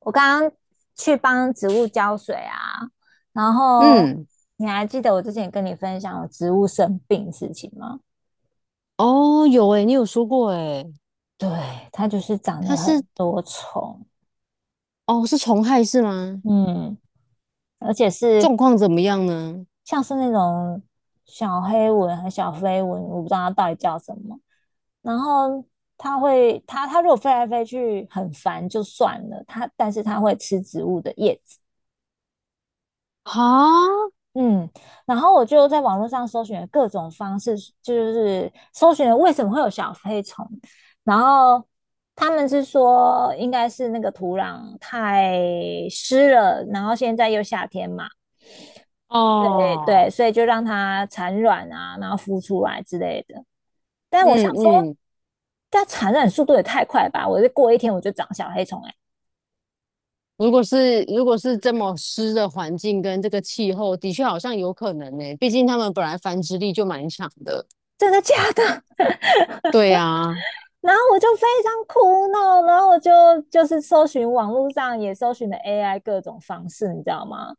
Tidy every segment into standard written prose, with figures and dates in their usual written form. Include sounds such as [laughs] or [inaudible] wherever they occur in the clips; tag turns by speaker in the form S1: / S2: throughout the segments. S1: 我刚刚去帮植物浇水啊，然后
S2: 嗯。
S1: 你还记得我之前跟你分享我植物生病的事情吗？
S2: 哦，有诶，你有说过诶。
S1: 对，它就是长
S2: 它
S1: 了
S2: 是
S1: 很多虫。
S2: 哦，是虫害是吗？
S1: 嗯，而且是
S2: 状况怎么样呢？
S1: 像是那种小黑蚊和小飞蚊，我不知道它到底叫什么。然后它会，它如果飞来飞去很烦就算了，它但是它会吃植物的叶子。
S2: 啊。
S1: 嗯，然后我就在网络上搜寻了各种方式，就是搜寻了为什么会有小飞虫，然后他们是说应该是那个土壤太湿了，然后现在又夏天嘛。对对，
S2: 哦。
S1: 所以就让它产卵啊，然后孵出来之类的。但我想
S2: 嗯
S1: 说，
S2: 嗯。
S1: 它产卵速度也太快吧？我就过一天我就长小黑虫、欸，哎，
S2: 如果是这么湿的环境跟这个气候，的确好像有可能呢，毕竟它们本来繁殖力就蛮强的。
S1: 真的假的？
S2: 对啊。
S1: 然后我就非常苦恼，然后我就搜寻网络上也搜寻了 AI 各种方式，你知道吗？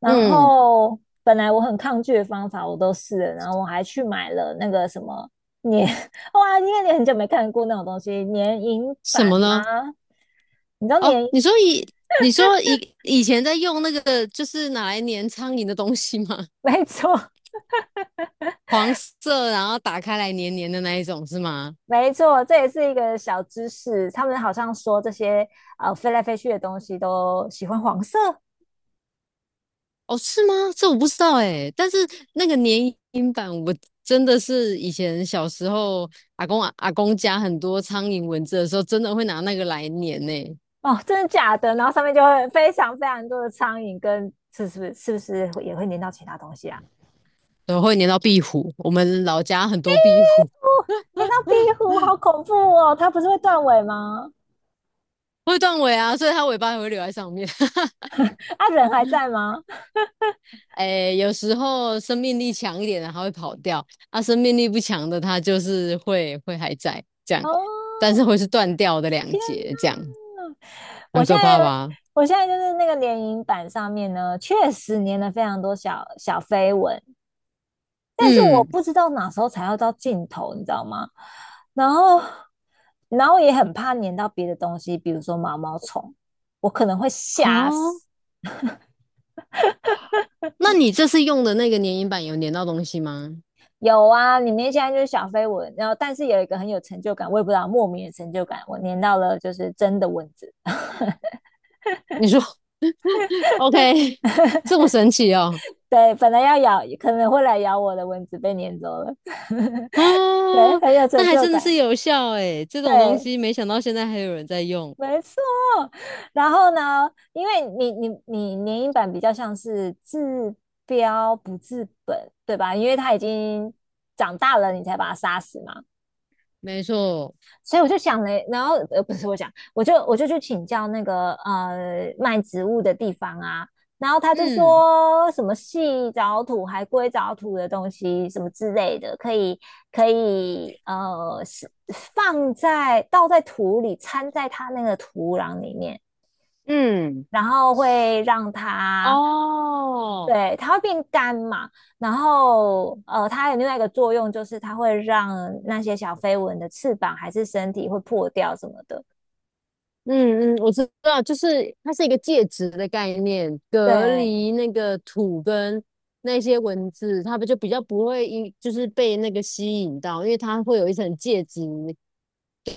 S1: 然
S2: 嗯。
S1: 后本来我很抗拒的方法我都试了，然后我还去买了那个什么年，[laughs] 哇，因为你很久没看过那种东西，年银
S2: 什
S1: 版
S2: 么呢？
S1: 吗？你知道
S2: 哦，
S1: 年，
S2: 你说以前在用那个就是拿来粘苍蝇的东西吗？
S1: [laughs]
S2: [laughs]
S1: 没错，
S2: 黄色，然后打开来黏黏的那一种是吗？
S1: 没错，这也是一个小知识。他们好像说这些飞来飞去的东西都喜欢黄色。
S2: 哦，是吗？这我不知道哎，但是那个粘营版，我真的是以前小时候阿公家很多苍蝇蚊子的时候，真的会拿那个来粘呢。
S1: 哦，真的假的？然后上面就会非常非常多的苍蝇跟，是不是也会粘到其他东西啊？
S2: 然后会粘到壁虎。我们老家很
S1: 壁
S2: 多壁虎
S1: 虎粘到壁虎，好恐怖哦！它不是会断尾吗？
S2: 会断尾啊，所以它尾巴也会留在上面。[laughs]
S1: 啊，人还在吗？
S2: 哎，有时候生命力强一点的它会跑掉，啊，生命力不强的它就是会还在这样，
S1: 哦，
S2: 但是会是断掉的两
S1: 天
S2: 节这样，
S1: 哪！我
S2: 很
S1: 现
S2: 可
S1: 在
S2: 怕吧？
S1: 我现在就是那个联营版上面呢，确实粘了非常多小小飞蚊，但是我
S2: 嗯。
S1: 不知道哪时候才要到尽头，你知道吗？然后，然后也很怕粘到别的东西，比如说毛毛虫，我可能会
S2: 好。
S1: 吓死。
S2: 那你这次用的那个粘蝇板有粘到东西吗？
S1: 有啊，里面现在就是小飞蚊，然后但是有一个很有成就感，我也不知道莫名的成就感，我粘到了就是真的蚊子。
S2: 你说 OK，[laughs] 这么神奇哦？
S1: 对，本来要咬，可能会来咬我的蚊子被粘走了，[laughs]
S2: 啊，
S1: 对，很有
S2: 那
S1: 成
S2: 还
S1: 就
S2: 真的是
S1: 感。
S2: 有效诶，这种东
S1: 对，
S2: 西没想到现在还有人在用。
S1: 没错。然后呢，因为你联影版比较像是治标不治本，对吧？因为他已经长大了，你才把他杀死嘛。
S2: 没错。
S1: 所以我就想了，然后不是我讲，我就去请教那个卖植物的地方啊，然后他就
S2: 嗯
S1: 说什么细藻土、还龟藻土的东西什么之类的，可以是放在倒在土里，掺在它那个土壤里面。
S2: 嗯。
S1: 然后会让它
S2: 哦。
S1: 对，它会变干嘛。然后它有另外一个作用就是它会让那些小飞蚊的翅膀还是身体会破掉什么的。
S2: 嗯嗯，我知道，就是它是一个介质的概念，隔
S1: 对
S2: 离那个土跟那些文字，它不就比较不会因就是被那个吸引到，因为它会有一层介质，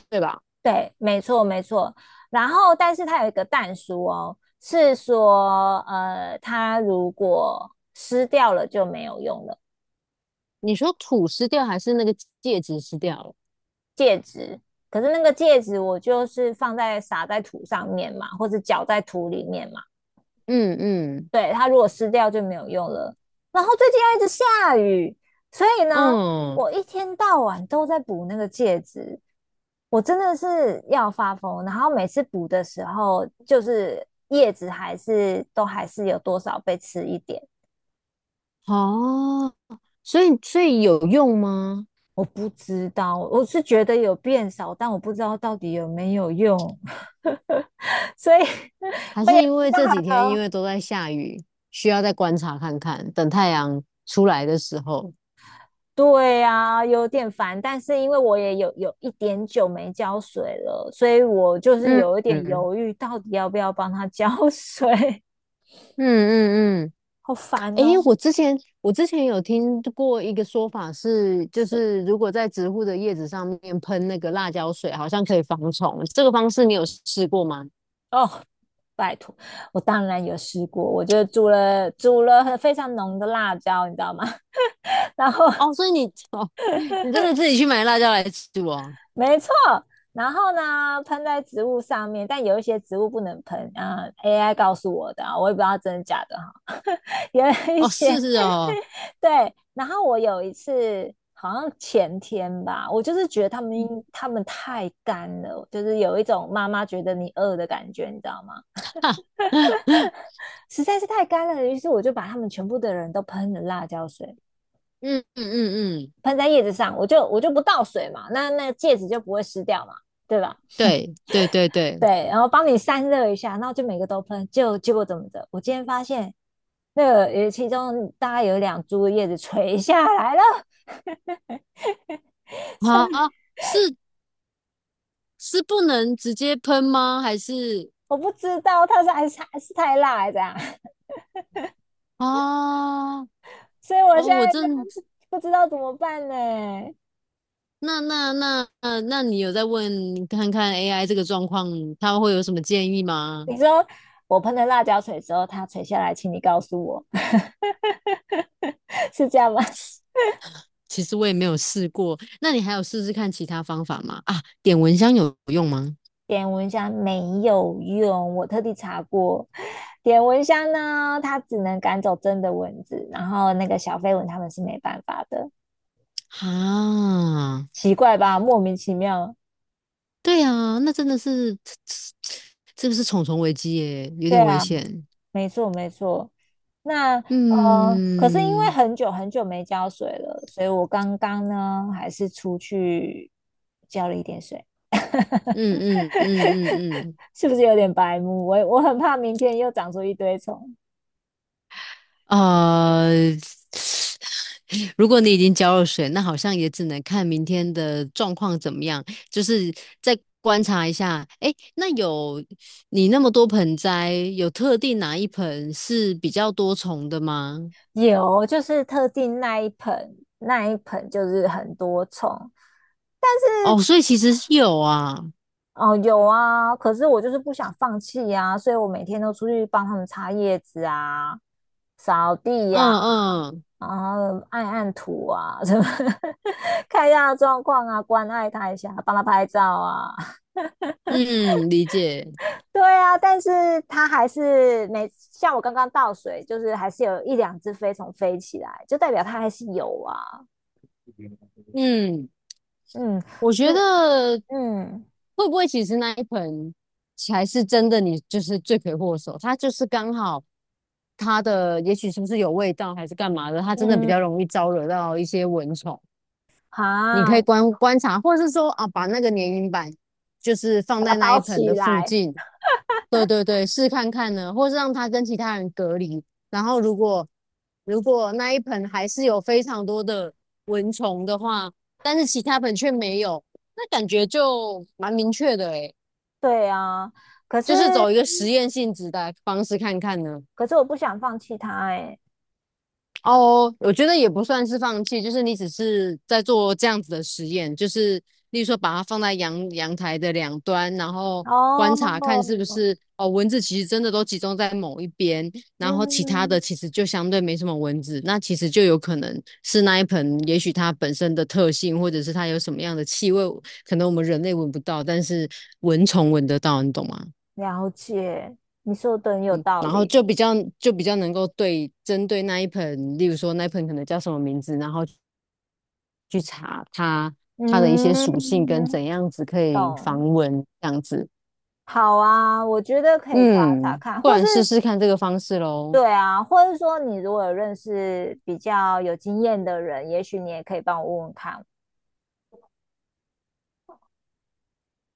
S2: 对吧？
S1: 对，没错没错。然后，但是它有一个蛋书哦，是说它如果湿掉了就没有用了
S2: 你说土湿掉还是那个戒指湿掉了？
S1: 戒指。可是那个戒指我就是放在撒在土上面嘛，或者搅在土里面嘛。
S2: 嗯嗯。
S1: 对，它如果湿掉就没有用了。然后最近又一直下雨，所以呢，
S2: 嗯。
S1: 我一天到晚都在补那个戒指，我真的是要发疯。然后每次补的时候，就是叶子还是都还是有多少被吃一点。
S2: 哦，所以所以有用吗？
S1: 我不知道，我是觉得有变少，但我不知道到底有没有用，[laughs] 所以
S2: 还
S1: 我也
S2: 是因
S1: 不知
S2: 为这几天因
S1: 道。
S2: 为都在下雨，需要再观察看看，等太阳出来的时候。
S1: 对啊，有点烦，但是因为我有一点久没浇水了，所以我就是
S2: 嗯
S1: 有一点
S2: 嗯
S1: 犹豫，到底要不要帮它浇水。
S2: 嗯嗯嗯。
S1: [laughs] 好烦
S2: 诶，
S1: 哦。
S2: 我之前有听过一个说法是，就
S1: 是
S2: 是如果在植物的叶子上面喷那个辣椒水，好像可以防虫。这个方式你有试过吗？
S1: 哦，拜托，我当然有试过，我就煮了非常浓的辣椒，你知道吗？[laughs] 然后
S2: 哦，所以你 [laughs] 你真的自己去买辣椒来煮哦？
S1: 没错，然后呢喷在植物上面，但有一些植物不能喷啊，AI 告诉我的啊，我也不知道真的假的哈。[laughs] 有一
S2: 哦，
S1: 些
S2: 是是哦。
S1: 对，然后我有一次好像前天吧，我就是觉得他们太干了，就是有一种妈妈觉得你饿的感觉，你知道吗？
S2: [laughs] 哈。嗯
S1: 实在是太干了，于是我就把他们全部的人都喷了辣椒水，
S2: 嗯嗯嗯。
S1: 喷在叶子上，我就不倒水嘛，那那戒指就不会湿掉嘛，对吧？
S2: 对对对对。
S1: 对，然后帮你散热一下，然后就每个都喷，就结果怎么着？我今天发现那个有其中大概有两株叶子垂下来了，
S2: 啊，是是不能直接喷吗？还是
S1: [laughs] 我不知道它是还是太辣还是怎样。
S2: 啊？
S1: 所以我现
S2: 哦，我
S1: 在就
S2: 正
S1: 是不知道怎么办呢。
S2: 那你有在问看看 AI 这个状况，它会有什么建议吗？
S1: 你说我喷了辣椒水之后，它垂下来，请你告诉我，[laughs] 是这样吗？
S2: 其实我也没有试过，那你还有试试看其他方法吗？啊，点蚊香有用吗？
S1: 点蚊香没有用，我特地查过，点蚊香呢，它只能赶走真的蚊子，然后那个小飞蚊它们是没办法的，
S2: 啊。
S1: 奇怪吧？莫名其妙。
S2: 对啊，那真的是，[tsk] 这个是重重危机耶，有
S1: 对
S2: 点危
S1: 啊，
S2: 险。
S1: 没错没错。那可是因为
S2: 嗯
S1: 很久很久没浇水了，所以我刚刚呢还是出去浇了一点水。
S2: 嗯嗯嗯嗯
S1: [laughs] 是不是有点白目？我很怕明天又长出一堆虫。
S2: 嗯。[sniffs] 如果你已经交了水，那好像也只能看明天的状况怎么样，就是再观察一下。诶，那有你那么多盆栽，有特定哪一盆是比较多虫的吗？
S1: 有，就是特定那一盆，那一盆就是很多虫，但是
S2: 哦，所以其实是有啊。
S1: 哦有啊，可是我就是不想放弃啊，所以我每天都出去帮他们擦叶子啊、扫地
S2: 嗯
S1: 呀、
S2: 嗯
S1: 然后按按土啊，什么 [laughs] 看一下状况啊，关爱他一下，帮他拍照啊。[laughs]
S2: 嗯。理解。
S1: 对啊，但是他还是每像我刚刚倒水，就是还是有一两只飞虫飞起来，就代表他还是有啊。
S2: 嗯。
S1: 嗯，
S2: 我觉
S1: 是，
S2: 得
S1: 嗯
S2: 会不会其实那一盆才是真的你就是罪魁祸首？它就是刚好它的也许是不是有味道还是干嘛的，它真的比
S1: 嗯，
S2: 较容易招惹到一些蚊虫。你可
S1: 啊，
S2: 以观察，或者是说啊，把那个粘蝇板就是放
S1: 把它
S2: 在那
S1: 包
S2: 一盆
S1: 起
S2: 的附
S1: 来。
S2: 近，对对对，试看看呢，或是让他跟其他人隔离。然后如果那一盆还是有非常多的蚊虫的话，但是其他盆却没有，那感觉就蛮明确的诶，
S1: 对啊，可是
S2: 就是走一个实验性质的方式看看呢。
S1: 可是我不想放弃它哎、
S2: 哦，我觉得也不算是放弃，就是你只是在做这样子的实验，就是例如说把它放在阳台的两端，然后
S1: 哦，
S2: 观察看是不是哦蚊子其实真的都集中在某一边，然后其他的
S1: 嗯，
S2: 其实就相对没什么蚊子，那其实就有可能是那一盆，也许它本身的特性，或者是它有什么样的气味，可能我们人类闻不到，但是蚊虫闻得到，你懂吗？
S1: 了解，你说的很有道
S2: 然后
S1: 理。
S2: 就比较能够对针对那一盆，例如说那一盆可能叫什么名字，然后去查它的一些属性跟
S1: 嗯，
S2: 怎样子可以防
S1: 懂。
S2: 蚊这样子。
S1: 好啊，我觉得可以查查
S2: 嗯，
S1: 看，
S2: 不
S1: 或是
S2: 然试试看这个方式喽。
S1: 对啊，或是说你如果有认识比较有经验的人，也许你也可以帮我问问看。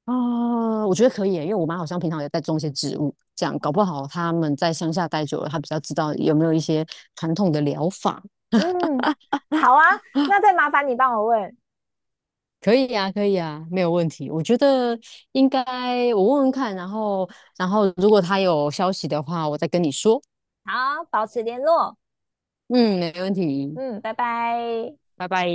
S2: 啊，我觉得可以耶因为我妈好像平常也在种一些植物，这样搞不好他们在乡下待久了，她比较知道有没有一些传统的疗法。[laughs]
S1: 嗯，好啊，那再麻烦你帮我问。
S2: 可以呀、可以呀、没有问题。我觉得应该我问问看，然后如果他有消息的话，我再跟你说。
S1: 好，保持联络。
S2: 嗯，没问题，
S1: 嗯，拜拜。
S2: 拜拜。